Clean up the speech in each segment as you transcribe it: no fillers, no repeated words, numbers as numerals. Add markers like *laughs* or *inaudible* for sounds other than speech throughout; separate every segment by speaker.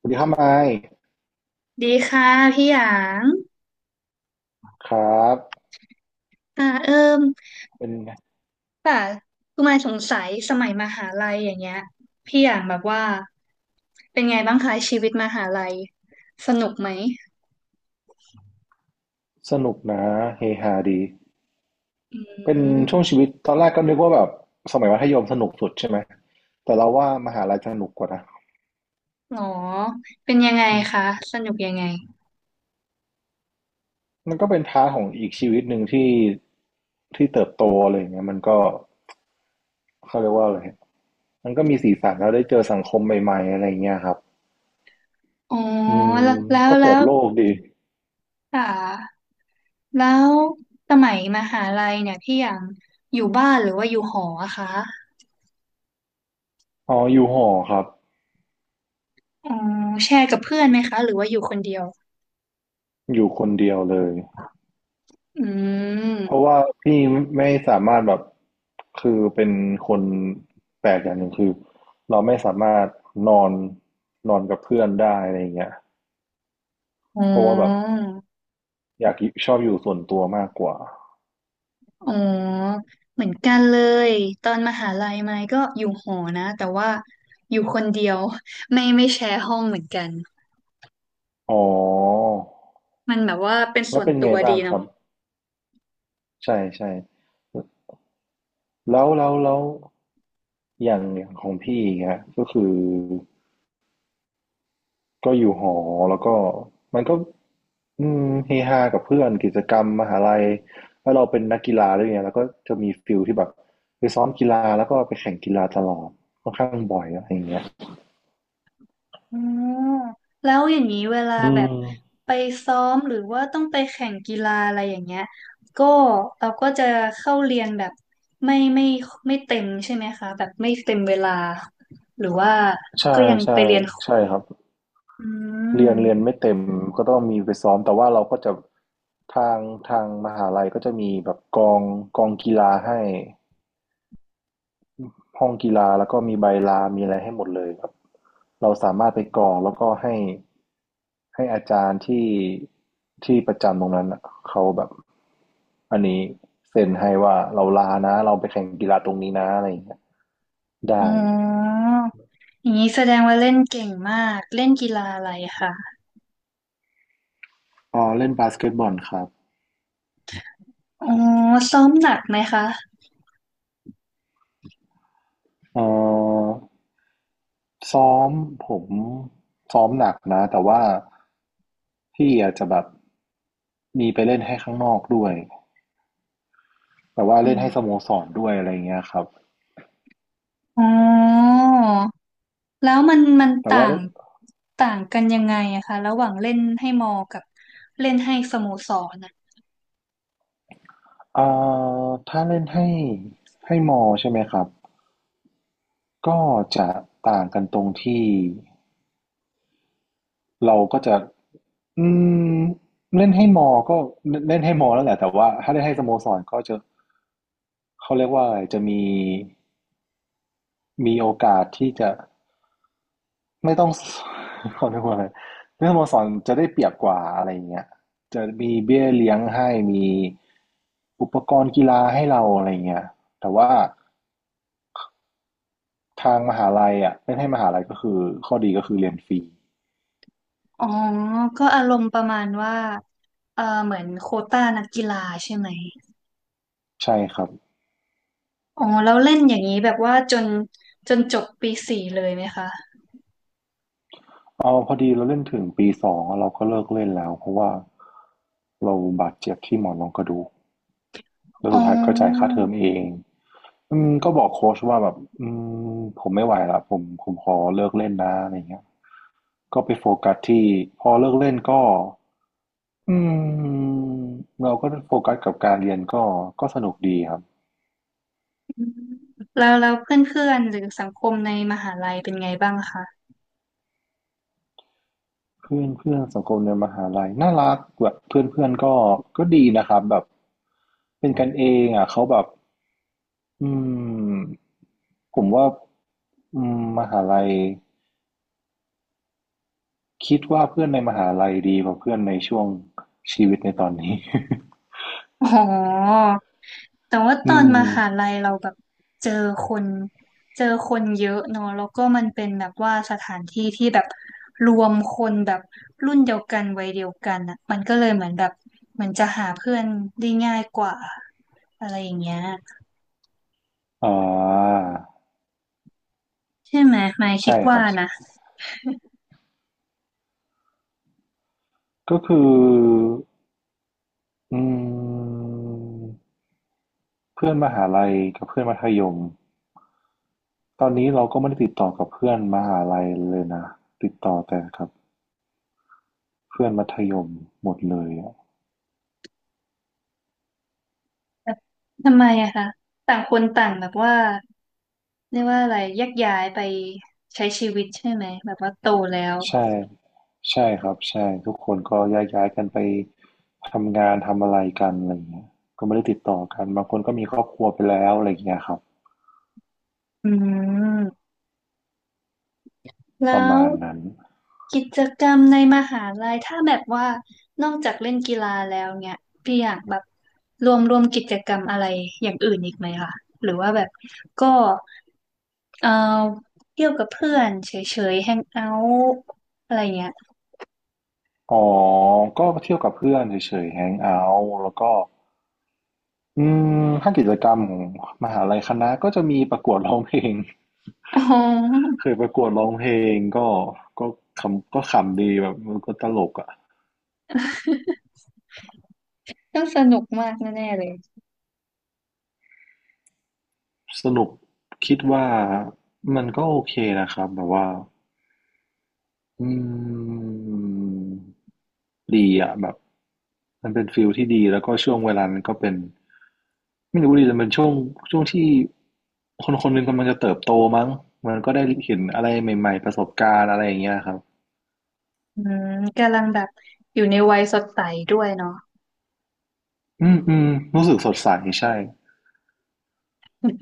Speaker 1: สวัสดีครับไมค์
Speaker 2: ดีค่ะพี่หยาง
Speaker 1: ครับ
Speaker 2: อ่าเอิ่ม
Speaker 1: เป็นไง
Speaker 2: ป่ะคือมายสงสัยสมัยมหาลัยอย่างเงี้ยพี่หยางแบบว่าเป็นไงบ้างคะชีวิตมหาลัยสนุกไหม
Speaker 1: สนุกนะเฮฮาดี
Speaker 2: อื
Speaker 1: เป็นช่วง
Speaker 2: ม
Speaker 1: ชีวิตตอนแรกก็นึกว่าแบบสมัยมัธยมสนุกสุดใช่ไหมแต่เราว่ามหาลัยสนุกกว่านะ
Speaker 2: หรอเป็นยังไง
Speaker 1: อืม
Speaker 2: คะสนุกยังไง
Speaker 1: มันก็เป็นพาร์ทของอีกชีวิตหนึ่งที่เติบโตอะไรอย่างเงี้ยมันก็เขาเรียกว่าอะไรมันก็มีสีสันแล้วได้เจอสังคมใหม่ๆอะไรอย่างเงี้ยครับ
Speaker 2: อ๋อ
Speaker 1: อืม
Speaker 2: แล้วแล้ว
Speaker 1: ก็
Speaker 2: แล้
Speaker 1: เปิด
Speaker 2: ว
Speaker 1: โลกดี
Speaker 2: อ่าแล้วสมัยมหาลัยเนี่ยพี่หยางอยู่บ้านหรือว่าอยู่หออะคะ
Speaker 1: อ๋ออยู่หอครับ
Speaker 2: อ๋อแชร์กับเพื่อนไหมคะหรือว่าอยู่คนเดียว
Speaker 1: อยู่คนเดียวเลย
Speaker 2: อื
Speaker 1: เพราะ
Speaker 2: ม
Speaker 1: ว่าพี่ไม่สามารถแบบคือเป็นคนแปลกอย่างหนึ่งคือเราไม่สามารถนอนนอนกับเพื่อนได้อะไรอย่างเงี้ย
Speaker 2: อ๋
Speaker 1: เพราะว่าแบบ
Speaker 2: อ
Speaker 1: อยากชอบอยู่ส่วนตัวมากกว่า
Speaker 2: อ๋อเหมือนกันเลยตอนมหาลัยไม้ก็อยู่หอนะแต่ว่าอยู่คนเดียว *laughs* ไม่แชร์ห้องเหมือนกัน
Speaker 1: อ๋อ
Speaker 2: มันแบบว่าเป็น
Speaker 1: แล้
Speaker 2: ส่
Speaker 1: ว
Speaker 2: วน
Speaker 1: เป็น
Speaker 2: ตั
Speaker 1: ไง
Speaker 2: วดี
Speaker 1: บ้างค
Speaker 2: เนาะ
Speaker 1: รับใช่ใช่แล้วแล้วแล้วอย่างของพี่อย่างเงี้ยก็คือ ก็อยู่หอแล้วก็มันก็อืมเฮฮากับเพื่อนกิจกรรมมหาลัยแล้วเราเป็นนักกีฬาด้วยไงแล้วก็จะมีฟิลที่แบบไปซ้อมกีฬาแล้วก็ไปแข่งกีฬาตลอดค่อนข้างบ่อยอะไรอย่างเงี้ย
Speaker 2: อ๋อแล้วอย่างนี้เวลา
Speaker 1: อื
Speaker 2: แบ
Speaker 1: ม
Speaker 2: บไปซ้อมหรือว่าต้องไปแข่งกีฬาอะไรอย่างเงี้ยก็เราก็จะเข้าเรียนแบบไม่ไม่ไม่เต็มใช่ไหมคะแบบไม่เต็มเวลาหรือว่า
Speaker 1: ใช่
Speaker 2: ก็ยัง
Speaker 1: ใช่
Speaker 2: ไปเรียน
Speaker 1: ใช่ครับ
Speaker 2: อื
Speaker 1: เรียน
Speaker 2: ม
Speaker 1: ไม่เต็มก็ต้องมีไปซ้อมแต่ว่าเราก็จะทางมหาลัยก็จะมีแบบกองกีฬาให้ ห้องกีฬาแล้วก็มีใบลา มีอะไรให้หมดเลยครับเราสามารถไปกรอกแล้วก็ให้อาจารย์ที่ประจำตรงนั้นน่ะเขาแบบอันนี้เซ็นให้ว่าเราลานะเราไปแข่งกีฬาตรงนี้นะอะไรอย่างเงี้ย
Speaker 2: อ๋
Speaker 1: ได้
Speaker 2: ออย่างนี้แสดงว่าเล่นเก่งมาก เล่นกีฬาอะไรคะ
Speaker 1: อ๋อเล่นบาสเกตบอลครับ
Speaker 2: อ๋อซ้อมหนักไหมคะ
Speaker 1: เอ่อซ้อมผมซ้อมหนักนะแต่ว่าพี่อาจจะแบบมีไปเล่นให้ข้างนอกด้วยแต่ว่า
Speaker 2: อื
Speaker 1: เล่น
Speaker 2: ม
Speaker 1: ให้สโมสรด้วยอะไรอย่างเงี้ยครับ
Speaker 2: อ๋อแล้วมัน
Speaker 1: แต่
Speaker 2: ต่า
Speaker 1: ว่า
Speaker 2: ง
Speaker 1: เล่น
Speaker 2: ต่างกันยังไงอะคะ ระหว่างเล่นให้มอกับเล่นให้สโมสรอะ
Speaker 1: เอ่ถ้าเล่นให้มอใช่ไหมครับก็จะต่างกันตรงที่เราก็จะอืมเล่นให้มอก็เล่นให้มอแล้วแหละแต่ว่าถ้าเล่นให้สโมสรก็จะเขาเรียกว่าอะไรจะมีโอกาสที่จะไม่ต้อง *laughs* เขาเรียกว่าอะไรเล่นสโมสรจะได้เปรียบกว่าอะไรอย่างเงี้ยจะมีเบี้ยเลี้ยงให้มีอุปกรณ์กีฬาให้เราอะไรอย่างเงี้ยแต่ว่า ทางมหาลัยอะเล่นให้มหาลัยก็คือข้อดีก็คือเรียนฟรี
Speaker 2: อ๋อก็อารมณ์ประมาณว่าเออเหมือนโควต้านักกีฬาใช่ไหม
Speaker 1: ใช่ครับ
Speaker 2: อ๋อแล้วเล่นอย่างนี้แบบว่าจนจนจบปีสี่เลยไหมคะ
Speaker 1: เอาพอดีเราเล่นถึงปี2องวเราก็เลิกเล่นแล้วเพราะว่าเราบาดเจ็บที่หมอนรองกระดูกแล้ว
Speaker 2: อ๋
Speaker 1: สุดท้ายก็จ่ายค่า
Speaker 2: อ
Speaker 1: เทอมเองอืมก็บอกโค้ชว่าแบบอืมผมไม่ไหวละผมขอเลิกเล่นนะอะไรเงี้ยก็ไปโฟกัสที่พอเลิกเล่นก็อืมเราก็โฟกัสกับการเรียนก็สนุกดีครับ
Speaker 2: อืมแล้วแล้วเพื่อนๆหรือสังคมในมหาลัยเป็นไงบ้างคะ
Speaker 1: เพื่อนเพื่อนสังคมในมหาลัยน่ารักแบบเพื่อนเพื่อนก็ดีนะครับแบบเป็นกันเองอ่ะเขาแบบอืมผมว่าอืมมหาลัยคิดว่าเพื่อนในมหาลัยดีกว่าเพื่อนในช่วงชีวิตในตอนนี้
Speaker 2: อ๋อแต่ว่า
Speaker 1: *laughs*
Speaker 2: ตอ
Speaker 1: อื
Speaker 2: นม
Speaker 1: ม
Speaker 2: หาลัยเราแบบเจอคนเจอคนเยอะเนอะแล้วก็มันเป็นแบบว่าสถานที่ที่แบบรวมคนแบบรุ่นเดียวกันวัยเดียวกันอ่ะมันก็เลยเหมือนแบบเหมือนจะหาเพื่อนได้ง่ายกว่าอะไรอย่างเงี้ย
Speaker 1: อ่า
Speaker 2: ใช่ไหมหมายคิ
Speaker 1: ใช่
Speaker 2: ด
Speaker 1: ค
Speaker 2: ว่า
Speaker 1: รับ
Speaker 2: นะ
Speaker 1: ก็คืออืมเพื่อนมหาลัยกับเพื่อนมัธยมตอนนี้เราก็ไม่ได้ติดต่อกับเพื่อนมหาลัยเลยนะติดต่อแต่กับ เพื่อนมัธยมหมดเลยอะ
Speaker 2: แบบทำไมอะคะต่างคนต่างแบบว่าเรียกว่าอะไรแยกย้ายไปใช้ชีวิตใช่ไหมแบบว่าโตแล้ว
Speaker 1: ใช่ใช่ครับใช่ทุกคนก็แยกย้ายกันไปทำงานทำอะไรกันอะไรเงี้ยก็ไม่ได้ติดต่อกันบางคนก็มีครอบครัวไปแล้วอะไรเงี้ยครับ
Speaker 2: อืมแล้
Speaker 1: ประ
Speaker 2: ว
Speaker 1: มาณนั้น
Speaker 2: กิจกรรมในมหาลัยถ้าแบบว่านอกจากเล่นกีฬาแล้วเนี่ยพี่อยากแบบรวมกิจกรรมอะไรอย่างอื่นอีกไหมคะหรือว่าแบบก็เอ่อเที่ยวกับเพื่อนเฉยๆแฮงเอาท์อะไรเงี้ย
Speaker 1: อ๋อก็เที่ยวกับเพื่อนเฉยๆแฮงเอาท์แล้วก็อืมถ้ากิจกรรมของมหาลัยคณะก็จะมีประกวดร้องเพลง
Speaker 2: อ๋อ
Speaker 1: เคยประกวดร้องเพลงก็ก็ขำก็ขำดีแบบมันก็ตลกอะ
Speaker 2: ต้องสนุกมากแน่ๆเลย
Speaker 1: สรุปคิดว่ามันก็โอเคนะครับแบบว่าอืมดีอะแบบมันเป็นฟิลที่ดีแล้วก็ช่วงเวลานั้นก็เป็นไม่รู้ดิแต่เป็นช่วงที่คนคนหนึ่งกำลังจะเติบโตมั้งมันก็ได้เห็นอะไรใหม่ๆประสบการณ์อะไรอย่างเงี้ยครับ
Speaker 2: อืมกำลังแบบอยู่ในวัยสดใสด้วยเนาะ
Speaker 1: อืมอืมรู้สึกสดใสใช่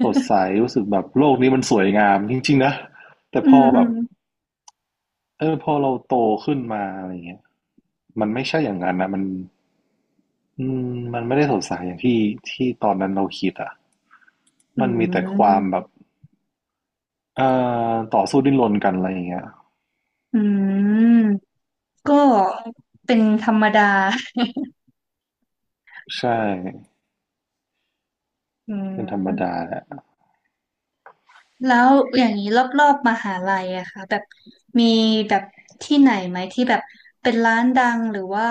Speaker 1: สดใสรู้สึกแบบโลกนี้มันสวยงามจริงๆนะแต่
Speaker 2: อื
Speaker 1: พ
Speaker 2: ม
Speaker 1: อ
Speaker 2: อื
Speaker 1: แบบ
Speaker 2: ม
Speaker 1: เออพอเราโตขึ้นมาอะไรเงี้ยมันไม่ใช่อย่างนั้นนะมันอืมมันไม่ได้สดใสอย่างที่ตอนนั้นเราคิดอ่ะ
Speaker 2: อื
Speaker 1: มันมีแต่ความ
Speaker 2: ม
Speaker 1: แบบเอ่ต่อสู้ดิ้นรนกันอะไรอย่างเงี้ย
Speaker 2: อืมก็เป็นธรรมดา
Speaker 1: ใช่
Speaker 2: อื
Speaker 1: เป็นธรรมดา
Speaker 2: ม
Speaker 1: แหละ
Speaker 2: แล้วอย่างนี้รอบๆมหาลัยอะค่ะแบบมีแบบที่ไหนไหมที่แบบเป็นร้านดังหรือว่า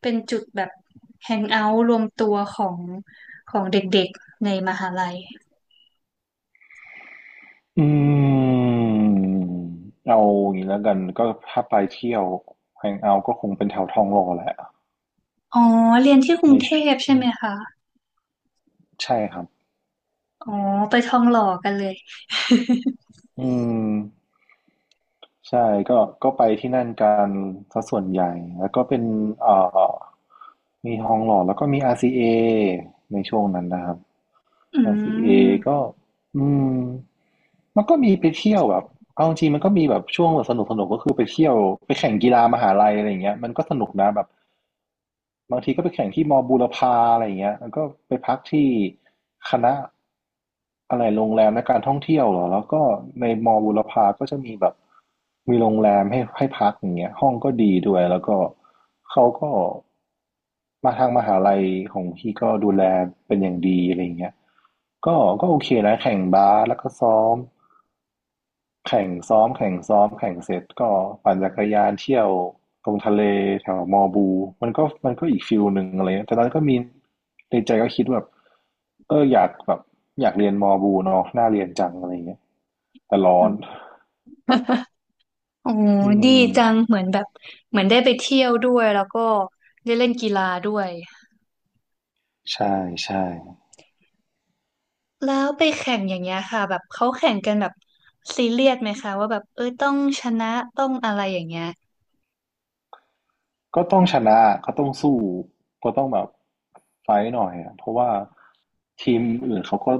Speaker 2: เป็นจุดแบบแฮงเอาท์รวมตัวของของเด็กๆในมหาลัย
Speaker 1: อืมเอาอย่างนี้แล้วกันก็ถ้าไปเที่ยวแฮงเอาท์ก็คงเป็นแถวทองหล่อแหละ
Speaker 2: อ๋อเรียนที่กรุ
Speaker 1: ใน
Speaker 2: งเทพใช่ไหมคะ
Speaker 1: ใช่ครับ
Speaker 2: อ๋อไปทองหล่อกันเลย
Speaker 1: อืม ใช่ก็ไปที่นั่นกันซะส่วนใหญ่แล้วก็เป็นเอ่อมีทองหล่อแล้วก็มี RCA ในช่วงนั้นนะครับ
Speaker 2: อื
Speaker 1: RCA ก็
Speaker 2: ม
Speaker 1: อืมมันก็มีไปเที่ยวแบบเอาจริงๆมันก็มีแบบช่วงแบบสนุกก็คือไปเที่ยวไปแข่งกีฬามหาลัยอะไรอย่างเงี้ยมันก็สนุกนะแบบ บางทีก็ไปแข่งที่มอบูรพาอะไรอย่างเงี้ยแล้วก็ไปพักที่คณะอะไรโรงแรมและการท่องเที่ยวเหรอแล้วก็ในมอบูรพาก็จะมีแบบมีโรงแรมให้พักอย่างเงี้ยห้องก็ดีด้วยแล้วก็เขาก็มาทางมหาลัยของพี่ก็ดูแลเป็นอย่างดีอะไรอย่างเงี้ยก็โอเคนะแข่งบาสแล้วก็ซ้อม แข่งซ้อมแข่งซ้อมแข่งเสร็จก็ปั่นจักรยานเที่ยวตรงทะเลแถวมอบูมันก็อีกฟิลหนึ่งอะไรเงี้ยแต่ตอนนั้นก็มีในใจก็คิดว่าแบบเอออยากแบบอยากเรียนมอบูเนาะน่าเรียนจังอะไรเงี้ยแต่ร้อน
Speaker 2: โอ้
Speaker 1: อื
Speaker 2: ดี
Speaker 1: ม
Speaker 2: จังเหมือนแบบเหมือนได้ไปเที่ยวด้วย แล้วก็ได้เล่นกีฬาด้วย
Speaker 1: ใช่ใช่
Speaker 2: แล้วไปแข่งอย่างเงี้ยค่ะแบบเขาแข่งกันแบบซีเรียสไหมคะว่าแบบเอ้ยต้องชนะต้องอะไรอย่างเงี้ย
Speaker 1: ก็ต้องชนะก็ต้องสู้ก็ต้องแบบไฟท์หน่อยอะเพราะว่าทีมอื่นเขาก็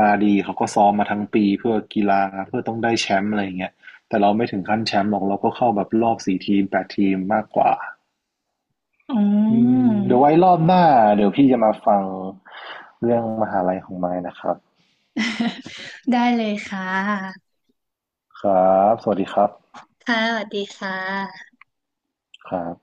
Speaker 1: มาดีเขาก็ซ้อมมาทั้งปีเพื่อกีฬาเพื่อต้องได้แชมป์อะไรอย่างเงี้ยแต่เราไม่ถึงขั้นแชมป์หรอกเราก็เข้าแบบรอบสี่ทีมแปดทีมมากกว่า
Speaker 2: อ๋
Speaker 1: อืม
Speaker 2: อ
Speaker 1: เดี๋ยวไว้รอบหน้าเดี๋ยวพี่จะมาฟังเรื่องมหาลัยของไม้นะครับ
Speaker 2: *laughs* ได้เลยค่ะ
Speaker 1: ครับสวัสดีครับ
Speaker 2: ค่ะ สวัสดีค่ะ
Speaker 1: ครับ